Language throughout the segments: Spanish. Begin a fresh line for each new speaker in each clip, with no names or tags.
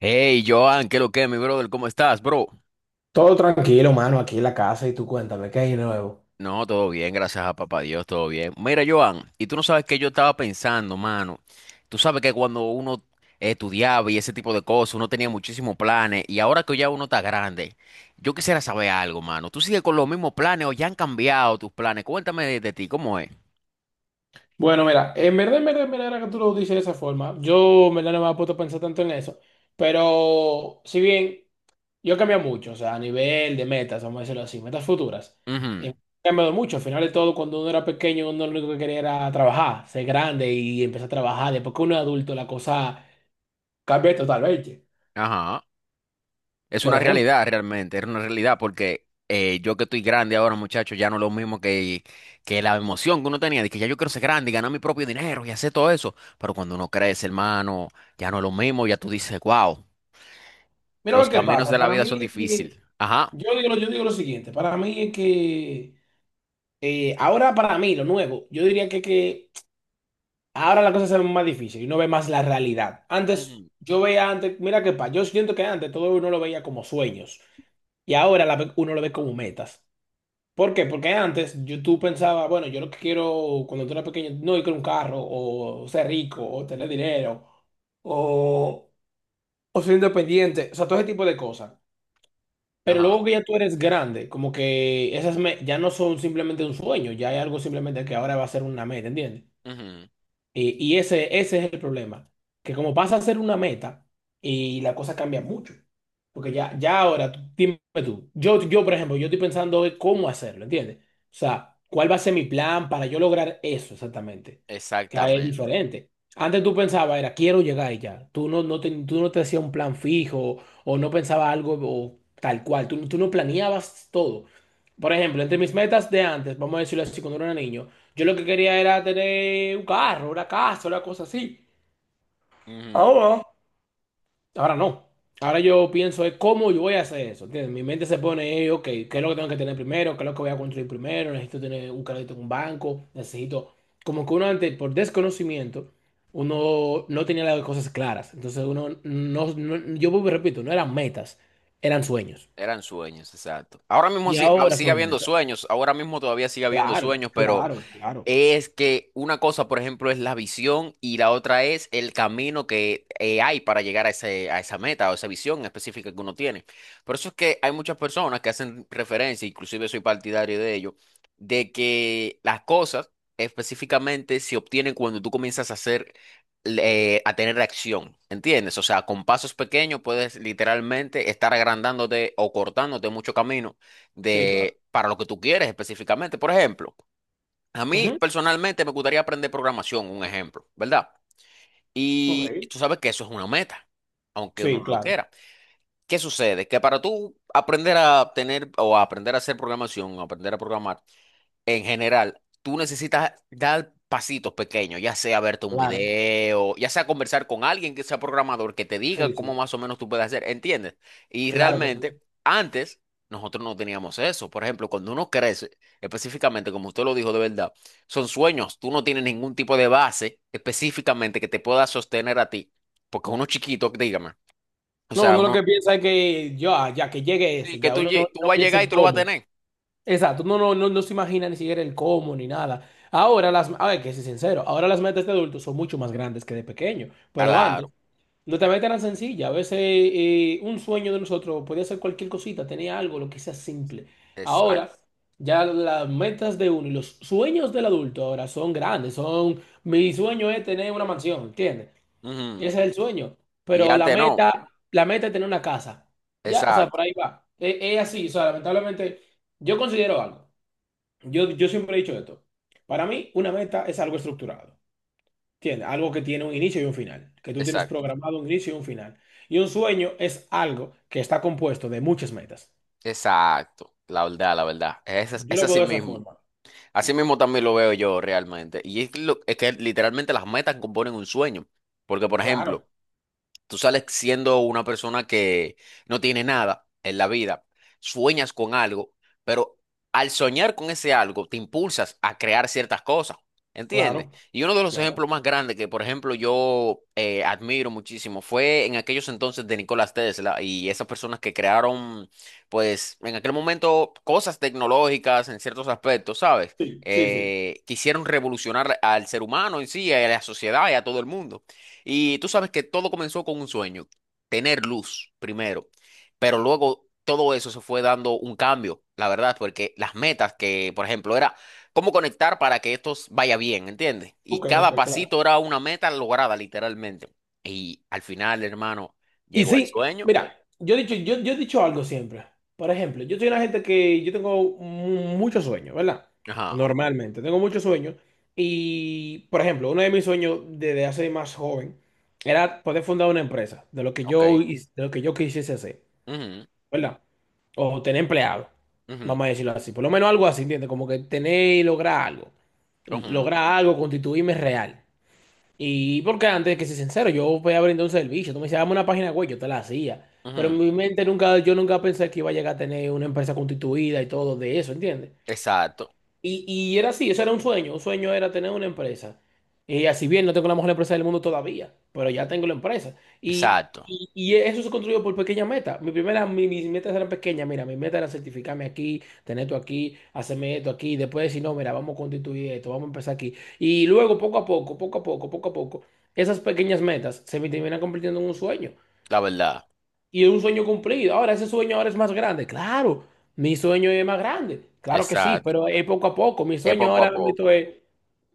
Hey, Joan, ¿qué es lo que, mi brother? ¿Cómo estás, bro?
Todo tranquilo, mano, aquí en la casa y tú cuéntame, ¿qué hay nuevo?
No, todo bien, gracias a papá Dios, todo bien. Mira, Joan, y tú no sabes que yo estaba pensando, mano. Tú sabes que cuando uno estudiaba y ese tipo de cosas, uno tenía muchísimos planes, y ahora que ya uno está grande, yo quisiera saber algo, mano. ¿Tú sigues con los mismos planes o ya han cambiado tus planes? Cuéntame de ti, ¿cómo es?
Bueno, mira, en verdad, en verdad, en verdad, ahora que tú lo dices de esa forma, yo en verdad no me había puesto a pensar tanto en eso, pero si bien yo he cambiado mucho, o sea, a nivel de metas, vamos a decirlo así, metas futuras,
Ujú.
he cambiado mucho. Al final de todo, cuando uno era pequeño, uno lo único que quería era trabajar, ser grande y empezar a trabajar. Después que uno es adulto, la cosa cambia totalmente.
Ajá. Es
Por
una
ejemplo,
realidad realmente, era una realidad porque yo que estoy grande ahora, muchachos, ya no es lo mismo que la emoción que uno tenía, de que ya yo quiero ser grande y ganar mi propio dinero y hacer todo eso. Pero cuando uno crece, hermano, ya no es lo mismo, ya tú dices, wow,
mira
los
lo que
caminos
pasa,
de la
para
vida son
mí es
difíciles.
que,
Ajá.
yo digo lo siguiente, para mí es que... ahora para mí, lo nuevo, yo diría que, ahora las cosas se ven más difíciles y uno ve más la realidad. Antes,
Ujú.
yo veía antes, mira qué pasa, yo siento que antes todo uno lo veía como sueños, y uno lo ve como metas. ¿Por qué? Porque antes yo, tú pensaba, bueno, yo lo que quiero cuando tú eras pequeño, no ir con un carro o ser rico o tener dinero o, o ser independiente, o sea, todo ese tipo de cosas. Pero
Ajá.
luego que ya tú eres grande, como que ya no son simplemente un sueño, ya hay algo simplemente que ahora va a ser una meta, ¿entiendes?
Ujú.
Y ese, ese es el problema, que como vas a hacer una meta y la cosa cambia mucho, porque ya, ya ahora, dime tú, yo por ejemplo, yo estoy pensando hoy cómo hacerlo, ¿entiendes? O sea, ¿cuál va a ser mi plan para yo lograr eso exactamente? Que ahí es
Exactamente.
diferente. Antes tú pensabas, era, quiero llegar y ya. Tú no, no te, tú no te hacías un plan fijo o no pensabas algo o tal cual, tú no planeabas todo. Por ejemplo, entre mis metas de antes, vamos a decirlo así, cuando era niño, yo lo que quería era tener un carro, una casa, una cosa así.
Ujú.
Ahora, ahora no. Ahora yo pienso es cómo yo voy a hacer eso. ¿Entiendes? Mi mente se pone, ok, ¿qué es lo que tengo que tener primero? ¿Qué es lo que voy a construir primero? Necesito tener un crédito en un banco. Necesito, como que uno antes, por desconocimiento, uno no tenía las cosas claras. Entonces uno, no, yo vuelvo y repito, no eran metas, eran sueños.
Eran sueños, exacto. Ahora mismo
Y ahora
sigue
son
habiendo
metas.
sueños, ahora mismo todavía sigue habiendo
Claro,
sueños, pero
claro, claro.
es que una cosa, por ejemplo, es la visión y la otra es el camino que hay para llegar a a esa meta o esa visión específica que uno tiene. Por eso es que hay muchas personas que hacen referencia, inclusive soy partidario de ello, de que las cosas específicamente se obtienen cuando tú comienzas a hacer, a tener acción, ¿entiendes? O sea, con pasos pequeños puedes literalmente estar agrandándote o cortándote mucho camino
Sí, claro.
para lo que tú quieres específicamente. Por ejemplo, a mí
Ujú.
personalmente me gustaría aprender programación, un ejemplo, ¿verdad? Y
Ok.
tú sabes que eso es una meta, aunque uno
Sí,
no lo
claro,
quiera. ¿Qué sucede? Que para tú aprender a tener o a aprender a hacer programación, o aprender a programar, en general, tú necesitas dar pasitos pequeños, ya sea verte un
claro.
video, ya sea conversar con alguien que sea programador, que te diga
Sí, sí,
cómo más o menos tú puedes hacer, ¿entiendes? Y
claro que sí.
realmente, antes nosotros no teníamos eso. Por ejemplo, cuando uno crece, específicamente, como usted lo dijo de verdad, son sueños, tú no tienes ningún tipo de base específicamente que te pueda sostener a ti, porque uno chiquito, dígame, o
No,
sea,
uno lo
uno
que piensa es que ya, ya que llegue eso,
sí, que
ya uno no,
tú
no
vas a
piensa
llegar y
el
tú lo vas a
cómo.
tener.
Exacto, uno no, no, no se imagina ni siquiera el cómo ni nada. Ahora las, a ver, que soy sincero, ahora las metas de adultos son mucho más grandes que de pequeño, pero antes
Claro,
no te metas tan sencilla. A veces un sueño de nosotros podía ser cualquier cosita, tenía algo, lo que sea simple. Ahora
exacto.
ya las metas de uno y los sueños del adulto ahora son grandes, son, mi sueño es tener una mansión, ¿entiendes?
Ujú.
Ese es el sueño.
Y
Pero
antes no,
la meta es tener una casa. Ya, o sea, por
exacto.
ahí va. Es así, o sea, lamentablemente, yo considero algo. Yo siempre he dicho esto. Para mí, una meta es algo estructurado. ¿Entiendes? Algo que tiene un inicio y un final. Que tú tienes
Exacto,
programado un inicio y un final. Y un sueño es algo que está compuesto de muchas metas.
exacto, la verdad, la verdad. Es,
Yo
es
lo veo
así
de esa
mismo.
forma.
Así mismo también lo veo yo realmente. Y es que literalmente las metas componen un sueño. Porque, por
Claro,
ejemplo, tú sales siendo una persona que no tiene nada en la vida, sueñas con algo, pero al soñar con ese algo te impulsas a crear ciertas cosas, ¿entiendes?
claro,
Y uno de los
claro.
ejemplos más grandes que, por ejemplo, yo admiro muchísimo fue en aquellos entonces de Nikola Tesla y esas personas que crearon, pues, en aquel momento cosas tecnológicas en ciertos aspectos, ¿sabes?
Sí, sí, sí.
Quisieron revolucionar al ser humano en sí, a la sociedad y a todo el mundo. Y tú sabes que todo comenzó con un sueño, tener luz primero, pero luego todo eso se fue dando un cambio, la verdad, porque las metas que, por ejemplo, era cómo conectar para que esto vaya bien, ¿entiendes? Y
Ok,
cada
ok,
pasito
claro.
era una meta lograda, literalmente. Y al final, hermano,
Y
llegó el
sí,
sueño.
mira, yo he dicho, yo he dicho algo siempre. Por ejemplo, yo soy una gente que yo tengo mucho sueño, ¿verdad?
Ajá,
Normalmente, tengo mucho sueño. Y, por ejemplo, uno de mis sueños desde hace más joven era poder fundar una empresa, de lo que
ok.
yo, de lo que yo quisiese hacer,
Ujú,
¿verdad? O tener empleado,
ujú,
vamos a decirlo así. Por lo menos algo así, ¿entiendes? Como que tener y lograr algo.
ujú,
Lograr algo, constituirme real. Y porque antes, que ser sincero, yo voy a brindar un servicio. Tú me decías, dame una página web, yo te la hacía. Pero
ujú.
en mi mente nunca, yo nunca pensé que iba a llegar a tener una empresa constituida y todo de eso, ¿entiendes?
Exacto,
Y, y, era así, eso era un sueño. Un sueño era tener una empresa. Y así bien, no tengo la mejor empresa del mundo todavía, pero ya tengo la empresa. Y,
exacto,
y, y eso se construyó por pequeñas metas. Mi primera, mis metas eran pequeñas. Mira, mi meta era certificarme aquí, tener esto aquí, hacerme esto aquí. Después decir, no, mira, vamos a constituir esto, vamos a empezar aquí. Y luego, poco a poco, poco a poco, poco a poco, esas pequeñas metas se me terminan convirtiendo en un sueño.
la verdad,
Y es un sueño cumplido. Ahora, ese sueño ahora es más grande. Claro, mi sueño es más grande. Claro que sí,
exacto.
pero es poco a poco. Mi
Es
sueño
poco a
ahora
poco.
mismo es,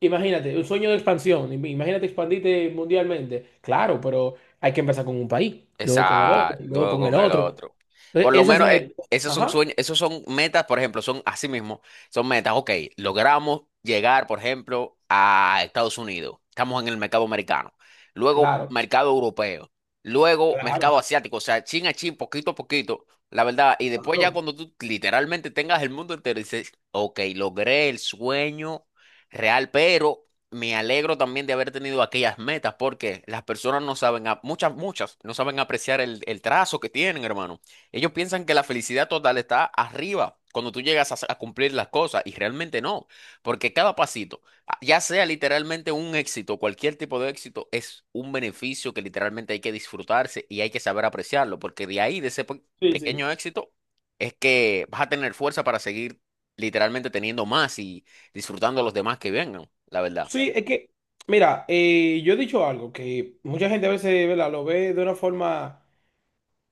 imagínate, un sueño de expansión. Imagínate expandirte mundialmente. Claro, pero hay que empezar con un país, luego con el otro,
Esa,
luego con
luego
el
con el
otro.
otro.
Entonces,
Por lo
esas
menos
metas.
esos son
Ajá,
sueños, esos son metas, por ejemplo, son así mismo, son metas. Ok, logramos llegar, por ejemplo, a Estados Unidos. Estamos en el mercado americano. Luego,
claro,
mercado europeo. Luego, mercado
claro,
asiático. O sea, chin a chin, poquito a poquito, la verdad. Y después ya
claro.
cuando tú literalmente tengas el mundo entero, dices, ok, logré el sueño real, pero me alegro también de haber tenido aquellas metas porque las personas no saben, muchas, muchas, no saben apreciar el trazo que tienen, hermano. Ellos piensan que la felicidad total está arriba cuando tú llegas a cumplir las cosas y realmente no, porque cada pasito, ya sea literalmente un éxito, cualquier tipo de éxito, es un beneficio que literalmente hay que disfrutarse y hay que saber apreciarlo, porque de ahí, de ese
Sí, sí.
pequeño éxito, es que vas a tener fuerza para seguir literalmente teniendo más y disfrutando a los demás que vengan, la verdad.
Sí, es que, mira, yo he dicho algo que mucha gente a veces, ¿verdad? Lo ve de una forma,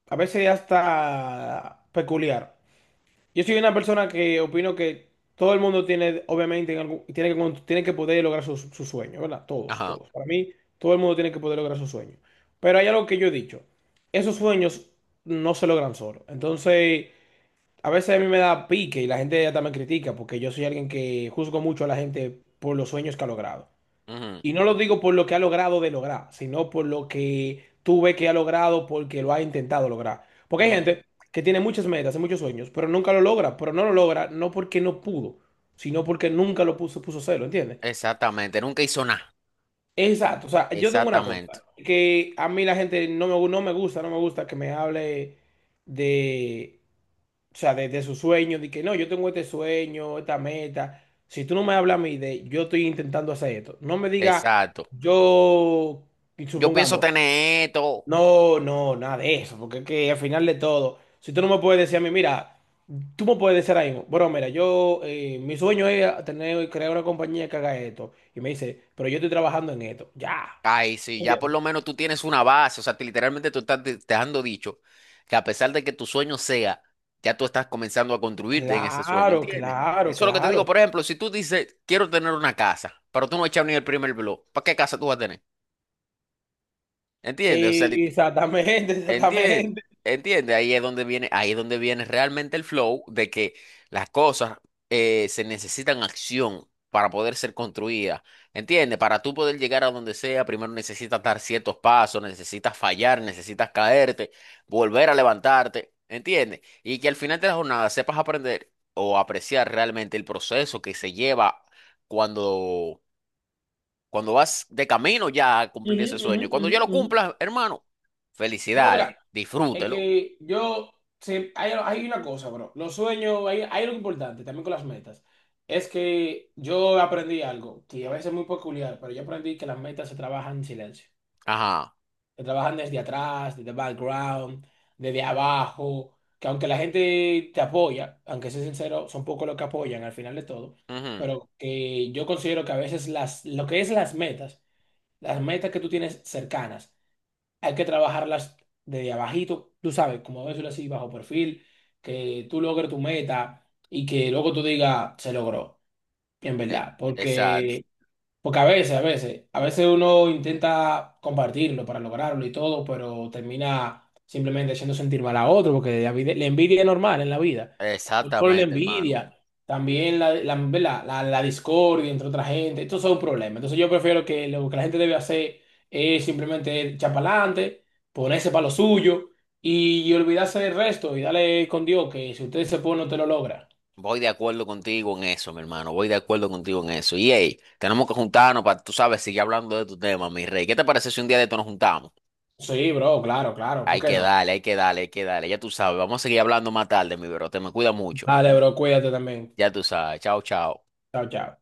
a veces hasta peculiar. Yo soy una persona que opino que todo el mundo tiene, obviamente, tiene que, tiene que poder lograr sus sueños, ¿verdad? Todos,
Ajá.
todos. Para mí, todo el mundo tiene que poder lograr sus sueños. Pero hay algo que yo he dicho, esos sueños no se logran solo. Entonces, a veces a mí me da pique y la gente ya también critica porque yo soy alguien que juzgo mucho a la gente por los sueños que ha logrado.
Ujú,
Y no lo digo por lo que ha logrado de lograr, sino por lo que tú ves que ha logrado porque lo ha intentado lograr. Porque hay
ujú.
gente que tiene muchas metas y muchos sueños, pero nunca lo logra, pero no lo logra no porque no pudo, sino porque nunca lo puso, puso celo, ¿entiendes?
Exactamente. Nunca hizo nada.
Exacto, o sea, yo tengo una
Exactamente.
cosa, que a mí la gente no me, no me gusta, no me gusta que me hable de, o sea, de su sueño, de que no, yo tengo este sueño, esta meta. Si tú no me hablas a mí de yo estoy intentando hacer esto, no me diga
Exacto.
yo, y
Yo pienso
supongamos,
tener esto.
no, no, nada de eso, porque es que al final de todo, si tú no me puedes decir a mí, mira, tú me puedes decir ahí mismo, bueno, mira, yo, mi sueño es tener, crear una compañía que haga esto, y me dice, pero yo estoy trabajando en esto, ya,
Ay, sí, ya por lo
¿entiendes?
menos tú tienes una base. O sea, literalmente tú estás dejando dicho que a pesar de que tu sueño sea, ya tú estás comenzando a construirte en ese sueño,
Claro,
¿entiendes?
claro,
Eso es lo que te digo. Por
claro.
ejemplo, si tú dices, quiero tener una casa, pero tú no echas ni el primer blog, ¿para qué casa tú vas a tener? ¿Entiendes? O sea,
Exactamente,
entiende,
exactamente.
entiende, ahí es donde viene, ahí es donde viene realmente el flow de que las cosas se necesitan acción para poder ser construidas. Entiende, para tú poder llegar a donde sea, primero necesitas dar ciertos pasos, necesitas fallar, necesitas caerte, volver a levantarte, entiende, y que al final de la jornada sepas aprender o apreciar realmente el proceso que se lleva cuando cuando vas de camino ya a cumplir
Ujú,
ese
ujú,
sueño. Y cuando
ujú,
ya lo
ujú.
cumplas, hermano,
No,
felicidades,
mira, es
disfrútelo.
que yo, hay, hay una cosa, bro, los sueños, hay algo importante también con las metas, es que yo aprendí algo, que a veces es muy peculiar, pero yo aprendí que las metas se trabajan en silencio,
Ajá.
se trabajan desde atrás, desde background, desde abajo, que aunque la gente te apoya, aunque sea sincero, son pocos los que apoyan al final de todo,
Ujú,
pero que yo considero que a veces lo que es las metas que tú tienes cercanas, hay que trabajarlas desde abajito, tú sabes, como decirlo así, bajo perfil, que tú logres tu meta y que luego tú digas, se logró, en
e-
verdad,
exacto.
porque a veces, a veces, a veces uno intenta compartirlo para lograrlo y todo, pero termina simplemente haciendo sentir mal a otro, porque la envidia es normal en la vida. No solo la
Exactamente, hermano.
envidia, también ¿verdad? La discordia entre otra gente, esto es un problema. Entonces yo prefiero que lo que la gente debe hacer es simplemente echar para adelante, ponerse para lo suyo y, olvidarse del resto y darle con Dios que si usted se pone, usted lo logra.
Voy de acuerdo contigo en eso, mi hermano. Voy de acuerdo contigo en eso. Y hey, tenemos que juntarnos para, tú sabes, seguir hablando de tu tema, mi rey. ¿Qué te parece si un día de esto nos juntamos?
Sí, bro, claro, claro, ¿por
Hay
qué
que
no?
darle, hay que darle, hay que darle. Ya tú sabes, vamos a seguir hablando más tarde, mi bro. Te me cuida mucho.
Dale, bro, cuídate también.
Ya tú sabes. Chao, chao.
Chao, chao.